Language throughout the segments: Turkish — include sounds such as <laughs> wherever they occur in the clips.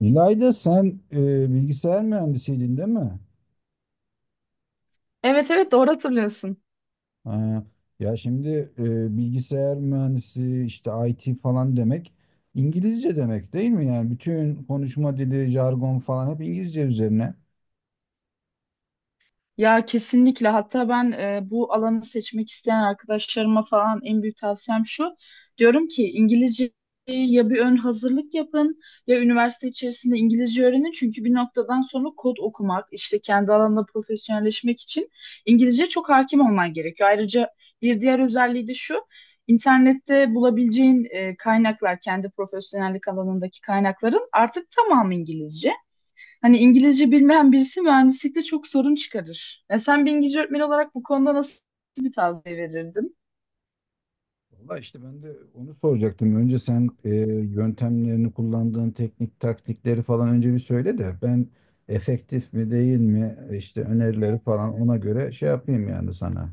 İlayda sen bilgisayar mühendisiydin değil mi? Evet, evet, doğru hatırlıyorsun. Ha, ya şimdi bilgisayar mühendisi işte IT falan demek İngilizce demek değil mi? Yani bütün konuşma dili, jargon falan hep İngilizce üzerine. Ya kesinlikle, hatta ben bu alanı seçmek isteyen arkadaşlarıma falan en büyük tavsiyem şu. Diyorum ki İngilizceyi ya bir ön hazırlık yapın ya üniversite içerisinde İngilizce öğrenin. Çünkü bir noktadan sonra kod okumak, işte kendi alanında profesyonelleşmek için İngilizce çok hakim olman gerekiyor. Ayrıca bir diğer özelliği de şu. İnternette bulabileceğin kaynaklar, kendi profesyonellik alanındaki kaynakların artık tamamı İngilizce. Hani İngilizce bilmeyen birisi mühendislikte çok sorun çıkarır. E sen bir İngilizce öğretmeni olarak bu konuda nasıl bir tavsiye verirdin? Valla işte ben de onu soracaktım. Önce sen yöntemlerini kullandığın teknik taktikleri falan önce bir söyle de ben efektif mi değil mi işte önerileri falan ona göre şey yapayım yani sana.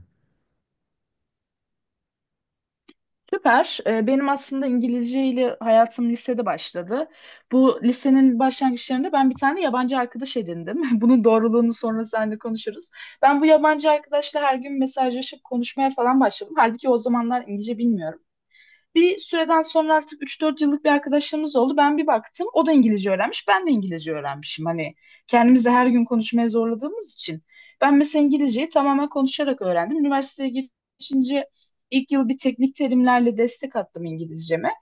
Süper. Benim aslında İngilizce ile hayatım lisede başladı. Bu lisenin başlangıçlarında ben bir tane yabancı arkadaş edindim. <laughs> Bunun doğruluğunu sonra seninle konuşuruz. Ben bu yabancı arkadaşla her gün mesajlaşıp konuşmaya falan başladım. Halbuki o zamanlar İngilizce bilmiyorum. Bir süreden sonra artık üç dört yıllık bir arkadaşlığımız oldu. Ben bir baktım o da İngilizce öğrenmiş, ben de İngilizce öğrenmişim. Hani kendimizi de her gün konuşmaya zorladığımız için. Ben mesela İngilizceyi tamamen konuşarak öğrendim. Üniversiteye geçince ilk yıl bir teknik terimlerle destek attım İngilizceme.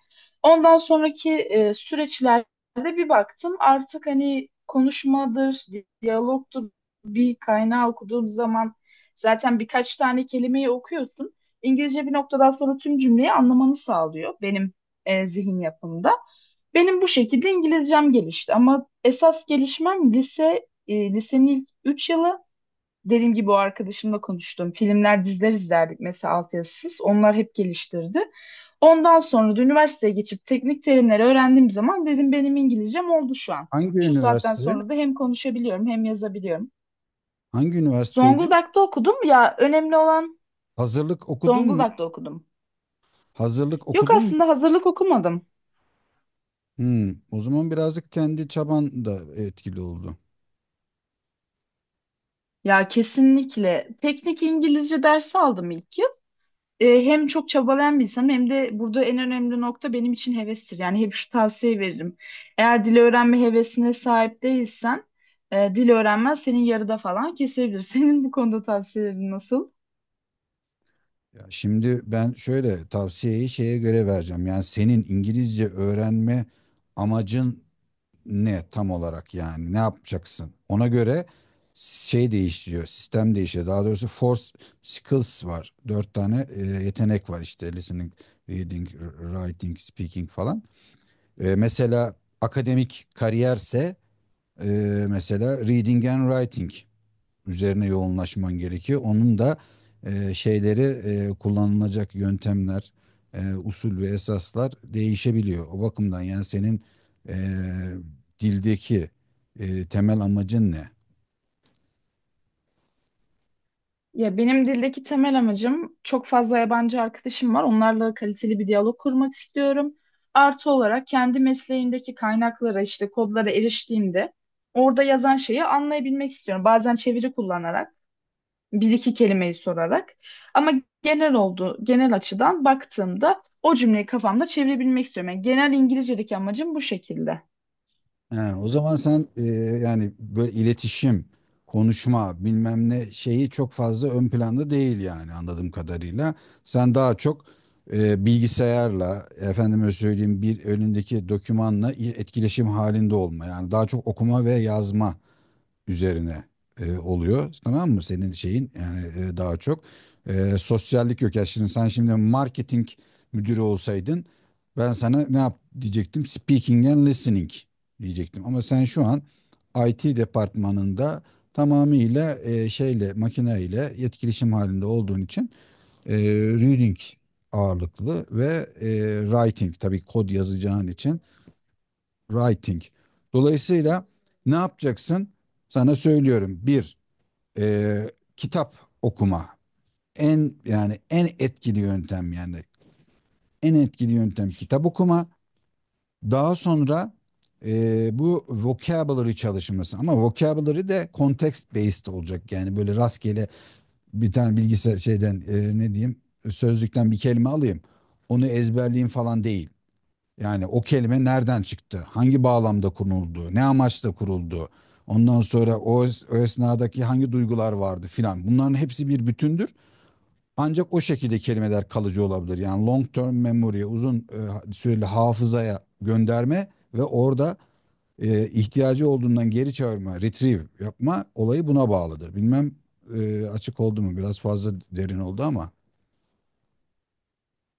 Ondan sonraki süreçlerde bir baktım artık hani konuşmadır, diyalogtur, bir kaynağı okuduğum zaman zaten birkaç tane kelimeyi okuyorsun. İngilizce bir noktadan sonra tüm cümleyi anlamanı sağlıyor benim zihin yapımda. Benim bu şekilde İngilizcem gelişti ama esas gelişmem lise, lisenin ilk 3 yılı. Dediğim gibi o arkadaşımla konuştum. Filmler, diziler izlerdik mesela altyazısız. Onlar hep geliştirdi. Ondan sonra da üniversiteye geçip teknik terimleri öğrendiğim zaman dedim benim İngilizcem oldu şu an. Hangi Şu saatten üniversite? sonra da hem konuşabiliyorum hem yazabiliyorum. Hangi üniversiteydi? Zonguldak'ta okudum ya, önemli olan Hazırlık okudun mu? Zonguldak'ta okudum. Hazırlık Yok, okudun mu? aslında hazırlık okumadım. Hmm, o zaman birazcık kendi çaban da etkili oldu. Ya kesinlikle. Teknik İngilizce dersi aldım ilk yıl. Hem çok çabalayan bir insanım hem de burada en önemli nokta benim için hevestir. Yani hep şu tavsiye veririm. Eğer dil öğrenme hevesine sahip değilsen dil öğrenmen senin yarıda falan kesebilir. <laughs> Senin bu konuda tavsiyelerin nasıl? Ya şimdi ben şöyle tavsiyeyi şeye göre vereceğim. Yani senin İngilizce öğrenme amacın ne tam olarak, yani ne yapacaksın? Ona göre şey değişiyor, sistem değişiyor. Daha doğrusu four skills var. Dört tane yetenek var işte listening, reading, writing, speaking falan. Mesela akademik kariyerse mesela reading and writing üzerine yoğunlaşman gerekiyor. Onun da şeyleri kullanılacak yöntemler, usul ve esaslar değişebiliyor. O bakımdan yani senin e, dildeki temel amacın ne? Ya benim dildeki temel amacım, çok fazla yabancı arkadaşım var. Onlarla kaliteli bir diyalog kurmak istiyorum. Artı olarak kendi mesleğimdeki kaynaklara, işte kodlara eriştiğimde orada yazan şeyi anlayabilmek istiyorum. Bazen çeviri kullanarak, bir iki kelimeyi sorarak, ama genel oldu, genel açıdan baktığımda o cümleyi kafamda çevirebilmek istiyorum. Yani genel İngilizce'deki amacım bu şekilde. He, o zaman sen yani böyle iletişim, konuşma, bilmem ne şeyi çok fazla ön planda değil yani anladığım kadarıyla. Sen daha çok bilgisayarla, efendime söyleyeyim bir önündeki dokümanla etkileşim halinde olma. Yani daha çok okuma ve yazma üzerine oluyor. Tamam mı? Senin şeyin yani daha çok sosyallik yok. Ya şimdi sen şimdi marketing müdürü olsaydın ben sana ne yap diyecektim? Speaking and listening diyecektim. Ama sen şu an IT departmanında tamamıyla şeyle makineyle etkileşim halinde olduğun için reading ağırlıklı ve writing, tabii kod yazacağın için writing. Dolayısıyla ne yapacaksın? Sana söylüyorum. Bir, e, kitap okuma. En yani en etkili yöntem, yani en etkili yöntem: kitap okuma. Daha sonra bu vocabulary çalışması, ama vocabulary de context based olacak. Yani böyle rastgele bir tane bilgisayar şeyden, ne diyeyim, sözlükten bir kelime alayım. Onu ezberleyeyim falan değil. Yani o kelime nereden çıktı? Hangi bağlamda kuruldu? Ne amaçla kuruldu? Ondan sonra o esnadaki hangi duygular vardı filan. Bunların hepsi bir bütündür. Ancak o şekilde kelimeler kalıcı olabilir. Yani long term memory, uzun süreli hafızaya gönderme ve orada ihtiyacı olduğundan geri çağırma, retrieve yapma olayı buna bağlıdır. Bilmem açık oldu mu? Biraz fazla derin oldu ama.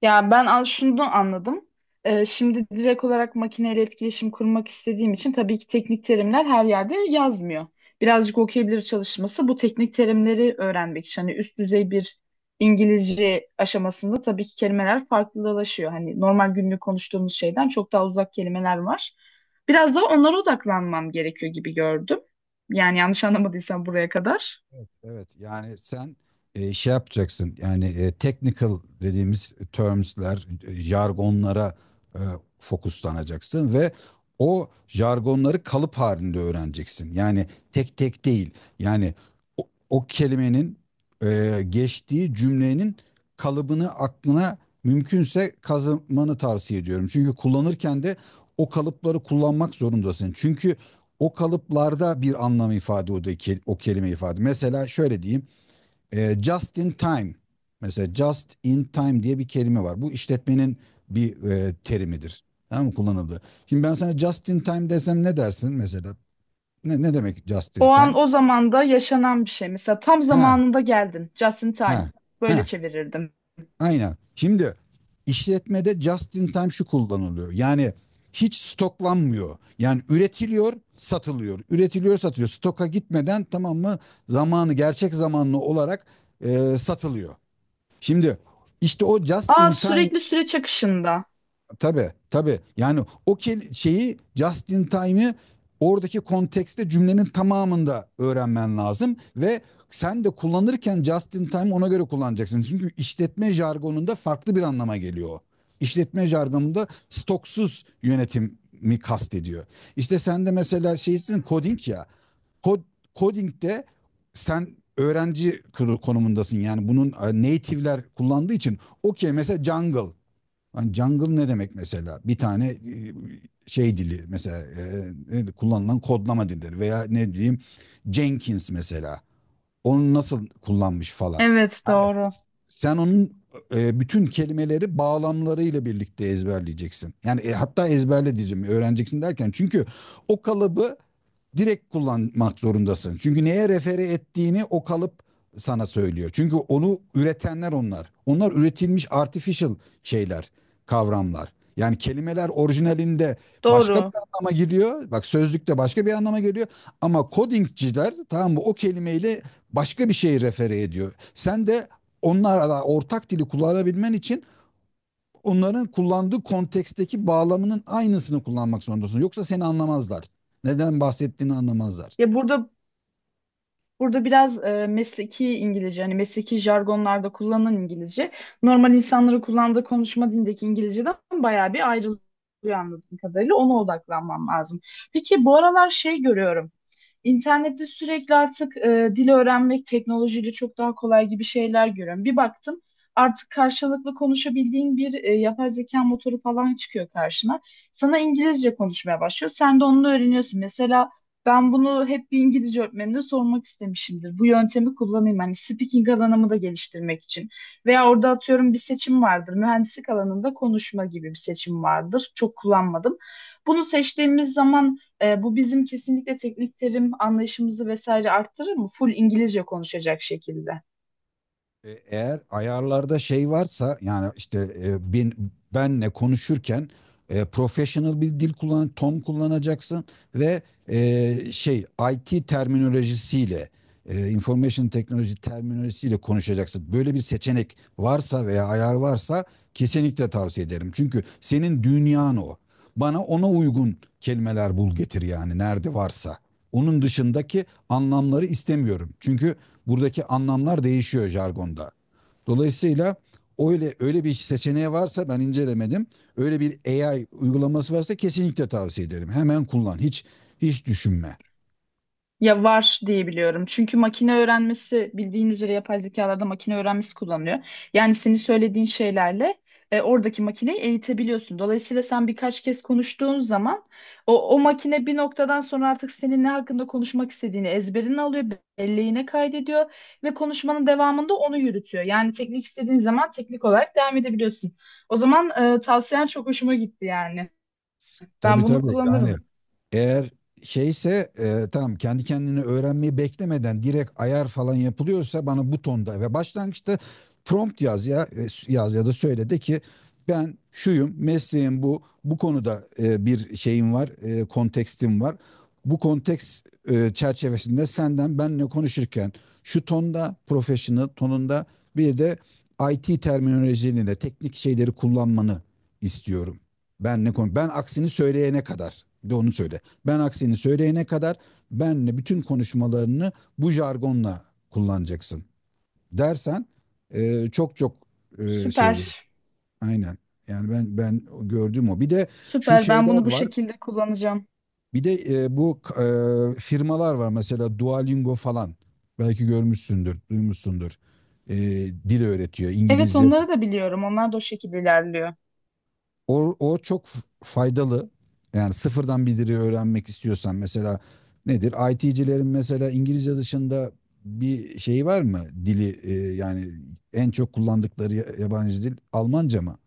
Ya ben an şunu anladım. Şimdi direkt olarak makineyle etkileşim kurmak istediğim için tabii ki teknik terimler her yerde yazmıyor. Birazcık okuyabilir çalışması bu teknik terimleri öğrenmek için. Hani üst düzey bir İngilizce aşamasında tabii ki kelimeler farklılaşıyor. Hani normal günlük konuştuğumuz şeyden çok daha uzak kelimeler var. Biraz daha onlara odaklanmam gerekiyor gibi gördüm. Yani yanlış anlamadıysam buraya kadar. Evet, evet. Yani sen şey yapacaksın. Yani technical dediğimiz terms'ler, jargonlara e, fokuslanacaksın ve o jargonları kalıp halinde öğreneceksin. Yani tek tek değil. Yani o, o kelimenin geçtiği cümlenin kalıbını aklına mümkünse kazımanı tavsiye ediyorum. Çünkü kullanırken de o kalıpları kullanmak zorundasın. Çünkü o kalıplarda bir anlam ifade o kelime ifade. Mesela şöyle diyeyim. Just in time. Mesela just in time diye bir kelime var. Bu işletmenin bir terimidir. Tamam mı? Kullanıldı. Şimdi ben sana just in time desem ne dersin mesela? Ne demek just in O an time? o zamanda yaşanan bir şey. Mesela tam Ha, zamanında geldin. Just in time. ha, Böyle ha. çevirirdim. Aynen. Şimdi işletmede just in time şu kullanılıyor. Yani hiç stoklanmıyor. Yani üretiliyor, satılıyor. Üretiliyor, satılıyor. Stoka gitmeden, tamam mı, zamanı gerçek zamanlı olarak satılıyor. Şimdi işte o just Aa, in time. sürekli süreç akışında. Tabii, tabii. Yani şeyi just in time'ı oradaki kontekste cümlenin tamamında öğrenmen lazım ve sen de kullanırken just in time ona göre kullanacaksın. Çünkü işletme jargonunda farklı bir anlama geliyor. O. İşletme jargonunda stoksuz yönetim mi kastediyor? İşte sen de mesela şeysin, coding ya. Kod, coding'de sen konumundasın. Yani bunun native'ler kullandığı için okey, mesela jungle. Hani jungle ne demek mesela? Bir tane şey dili, mesela kullanılan kodlama dilleri veya ne diyeyim, Jenkins mesela, onu nasıl kullanmış falan. Evet Hani doğru. sen onun bütün kelimeleri bağlamlarıyla birlikte ezberleyeceksin. Yani hatta ezberle diyeceğim, öğreneceksin derken, çünkü o kalıbı direkt kullanmak zorundasın. Çünkü neye refere ettiğini o kalıp sana söylüyor. Çünkü onu üretenler onlar. Onlar üretilmiş artificial şeyler, kavramlar. Yani kelimeler orijinalinde başka bir Doğru. anlama geliyor. Bak, sözlükte başka bir anlama geliyor. Ama codingciler, tamam mı, o kelimeyle başka bir şey refere ediyor. Sen de onlarla ortak dili kullanabilmen için onların kullandığı konteksteki bağlamının aynısını kullanmak zorundasın. Yoksa seni anlamazlar. Neden bahsettiğini anlamazlar. Ya burada Burada biraz mesleki İngilizce, hani mesleki jargonlarda kullanılan İngilizce, normal insanların kullandığı konuşma dilindeki İngilizceden bayağı bir ayrılıyor anladığım kadarıyla. Ona odaklanmam lazım. Peki bu aralar şey görüyorum. İnternette sürekli artık dil öğrenmek teknolojiyle çok daha kolay gibi şeyler görüyorum. Bir baktım artık karşılıklı konuşabildiğin bir yapay zeka motoru falan çıkıyor karşına. Sana İngilizce konuşmaya başlıyor. Sen de onunla öğreniyorsun. Mesela ben bunu hep bir İngilizce öğretmenine sormak istemişimdir. Bu yöntemi kullanayım hani speaking alanımı da geliştirmek için. Veya orada atıyorum bir seçim vardır. Mühendislik alanında konuşma gibi bir seçim vardır. Çok kullanmadım. Bunu seçtiğimiz zaman bu bizim kesinlikle teknik terim anlayışımızı vesaire arttırır mı? Full İngilizce konuşacak şekilde. Eğer ayarlarda şey varsa, yani işte benle konuşurken professional bir dil kullan, ton kullanacaksın ve e, şey IT terminolojisiyle, information teknoloji terminolojisiyle konuşacaksın. Böyle bir seçenek varsa veya ayar varsa kesinlikle tavsiye ederim. Çünkü senin dünyan o. Bana ona uygun kelimeler bul getir, yani nerede varsa. Onun dışındaki anlamları istemiyorum. Çünkü buradaki anlamlar değişiyor jargonda. Dolayısıyla öyle bir seçeneği varsa, ben incelemedim. Öyle bir AI uygulaması varsa kesinlikle tavsiye ederim. Hemen kullan. Hiç düşünme. Ya var diye biliyorum. Çünkü makine öğrenmesi, bildiğin üzere yapay zekalarda makine öğrenmesi kullanılıyor. Yani senin söylediğin şeylerle oradaki makineyi eğitebiliyorsun. Dolayısıyla sen birkaç kez konuştuğun zaman o makine bir noktadan sonra artık senin ne hakkında konuşmak istediğini ezberine alıyor, belleğine kaydediyor ve konuşmanın devamında onu yürütüyor. Yani teknik istediğin zaman teknik olarak devam edebiliyorsun. O zaman tavsiyen çok hoşuma gitti yani. Ben Tabii, bunu tabii, yani kullanırım. eğer şeyse, tamam, kendi kendini öğrenmeyi beklemeden direkt ayar falan yapılıyorsa, bana bu tonda ve başlangıçta prompt yaz ya yaz ya da söyle de ki ben şuyum, mesleğim bu, bu konuda bir şeyim var, kontekstim var. Bu konteks çerçevesinde senden benle konuşurken şu tonda, professional tonunda, bir de IT terminolojileriyle teknik şeyleri kullanmanı istiyorum. Ben ne konu Ben aksini söyleyene kadar bir de onu söyle. Ben aksini söyleyene kadar benle bütün konuşmalarını bu jargonla kullanacaksın dersen çok çok şey olur. Süper, Aynen. Yani ben gördüğüm o. Bir de şu süper. Ben şeyler bunu bu var. şekilde kullanacağım. Bir de firmalar var mesela Duolingo falan. Belki görmüşsündür, duymuşsundur. E, dil öğretiyor. Evet, İngilizce. onları da biliyorum. Onlar da o şekilde ilerliyor. O çok faydalı. Yani sıfırdan bir dili öğrenmek istiyorsan, mesela nedir? IT'cilerin mesela İngilizce dışında bir şey var mı? Dili yani en çok kullandıkları yabancı dil Almanca mı?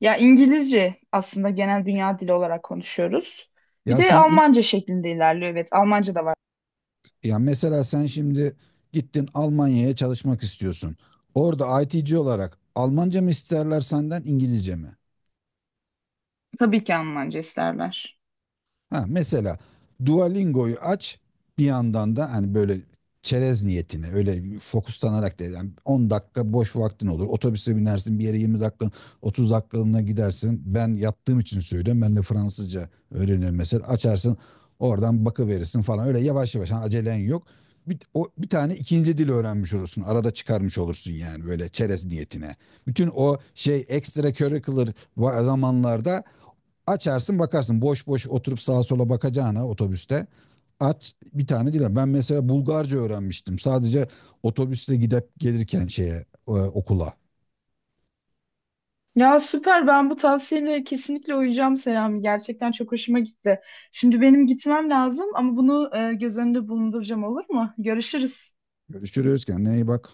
Ya İngilizce aslında genel dünya dili olarak konuşuyoruz. Bir Ya de sen in- Almanca şeklinde ilerliyor. Evet, Almanca da var. ya mesela sen şimdi gittin Almanya'ya çalışmak istiyorsun. Orada IT'ci olarak Almanca mı isterler senden İngilizce mi? Tabii ki Almanca isterler. Ha, mesela Duolingo'yu aç, bir yandan da hani böyle çerez niyetine, öyle fokuslanarak da, yani 10 dakika boş vaktin olur. Otobüse binersin, bir yere 20 dakika, 30 dakikalığına gidersin. Ben yaptığım için söylüyorum. Ben de Fransızca öğreniyorum mesela. Açarsın oradan bakıverirsin falan, öyle yavaş yavaş, hani acelen yok. Bir, bir tane ikinci dil öğrenmiş olursun. Arada çıkarmış olursun, yani böyle çerez niyetine. Bütün o şey ekstra curricular zamanlarda açarsın bakarsın. Boş boş oturup sağa sola bakacağına otobüste. Aç bir tane dil. Ben mesela Bulgarca öğrenmiştim. Sadece otobüsle gidip gelirken şeye, okula. Ya süper, ben bu tavsiyene kesinlikle uyacağım Selami. Gerçekten çok hoşuma gitti. Şimdi benim gitmem lazım ama bunu göz önünde bulunduracağım, olur mu? Görüşürüz. Görüşürüz, kendine iyi bak.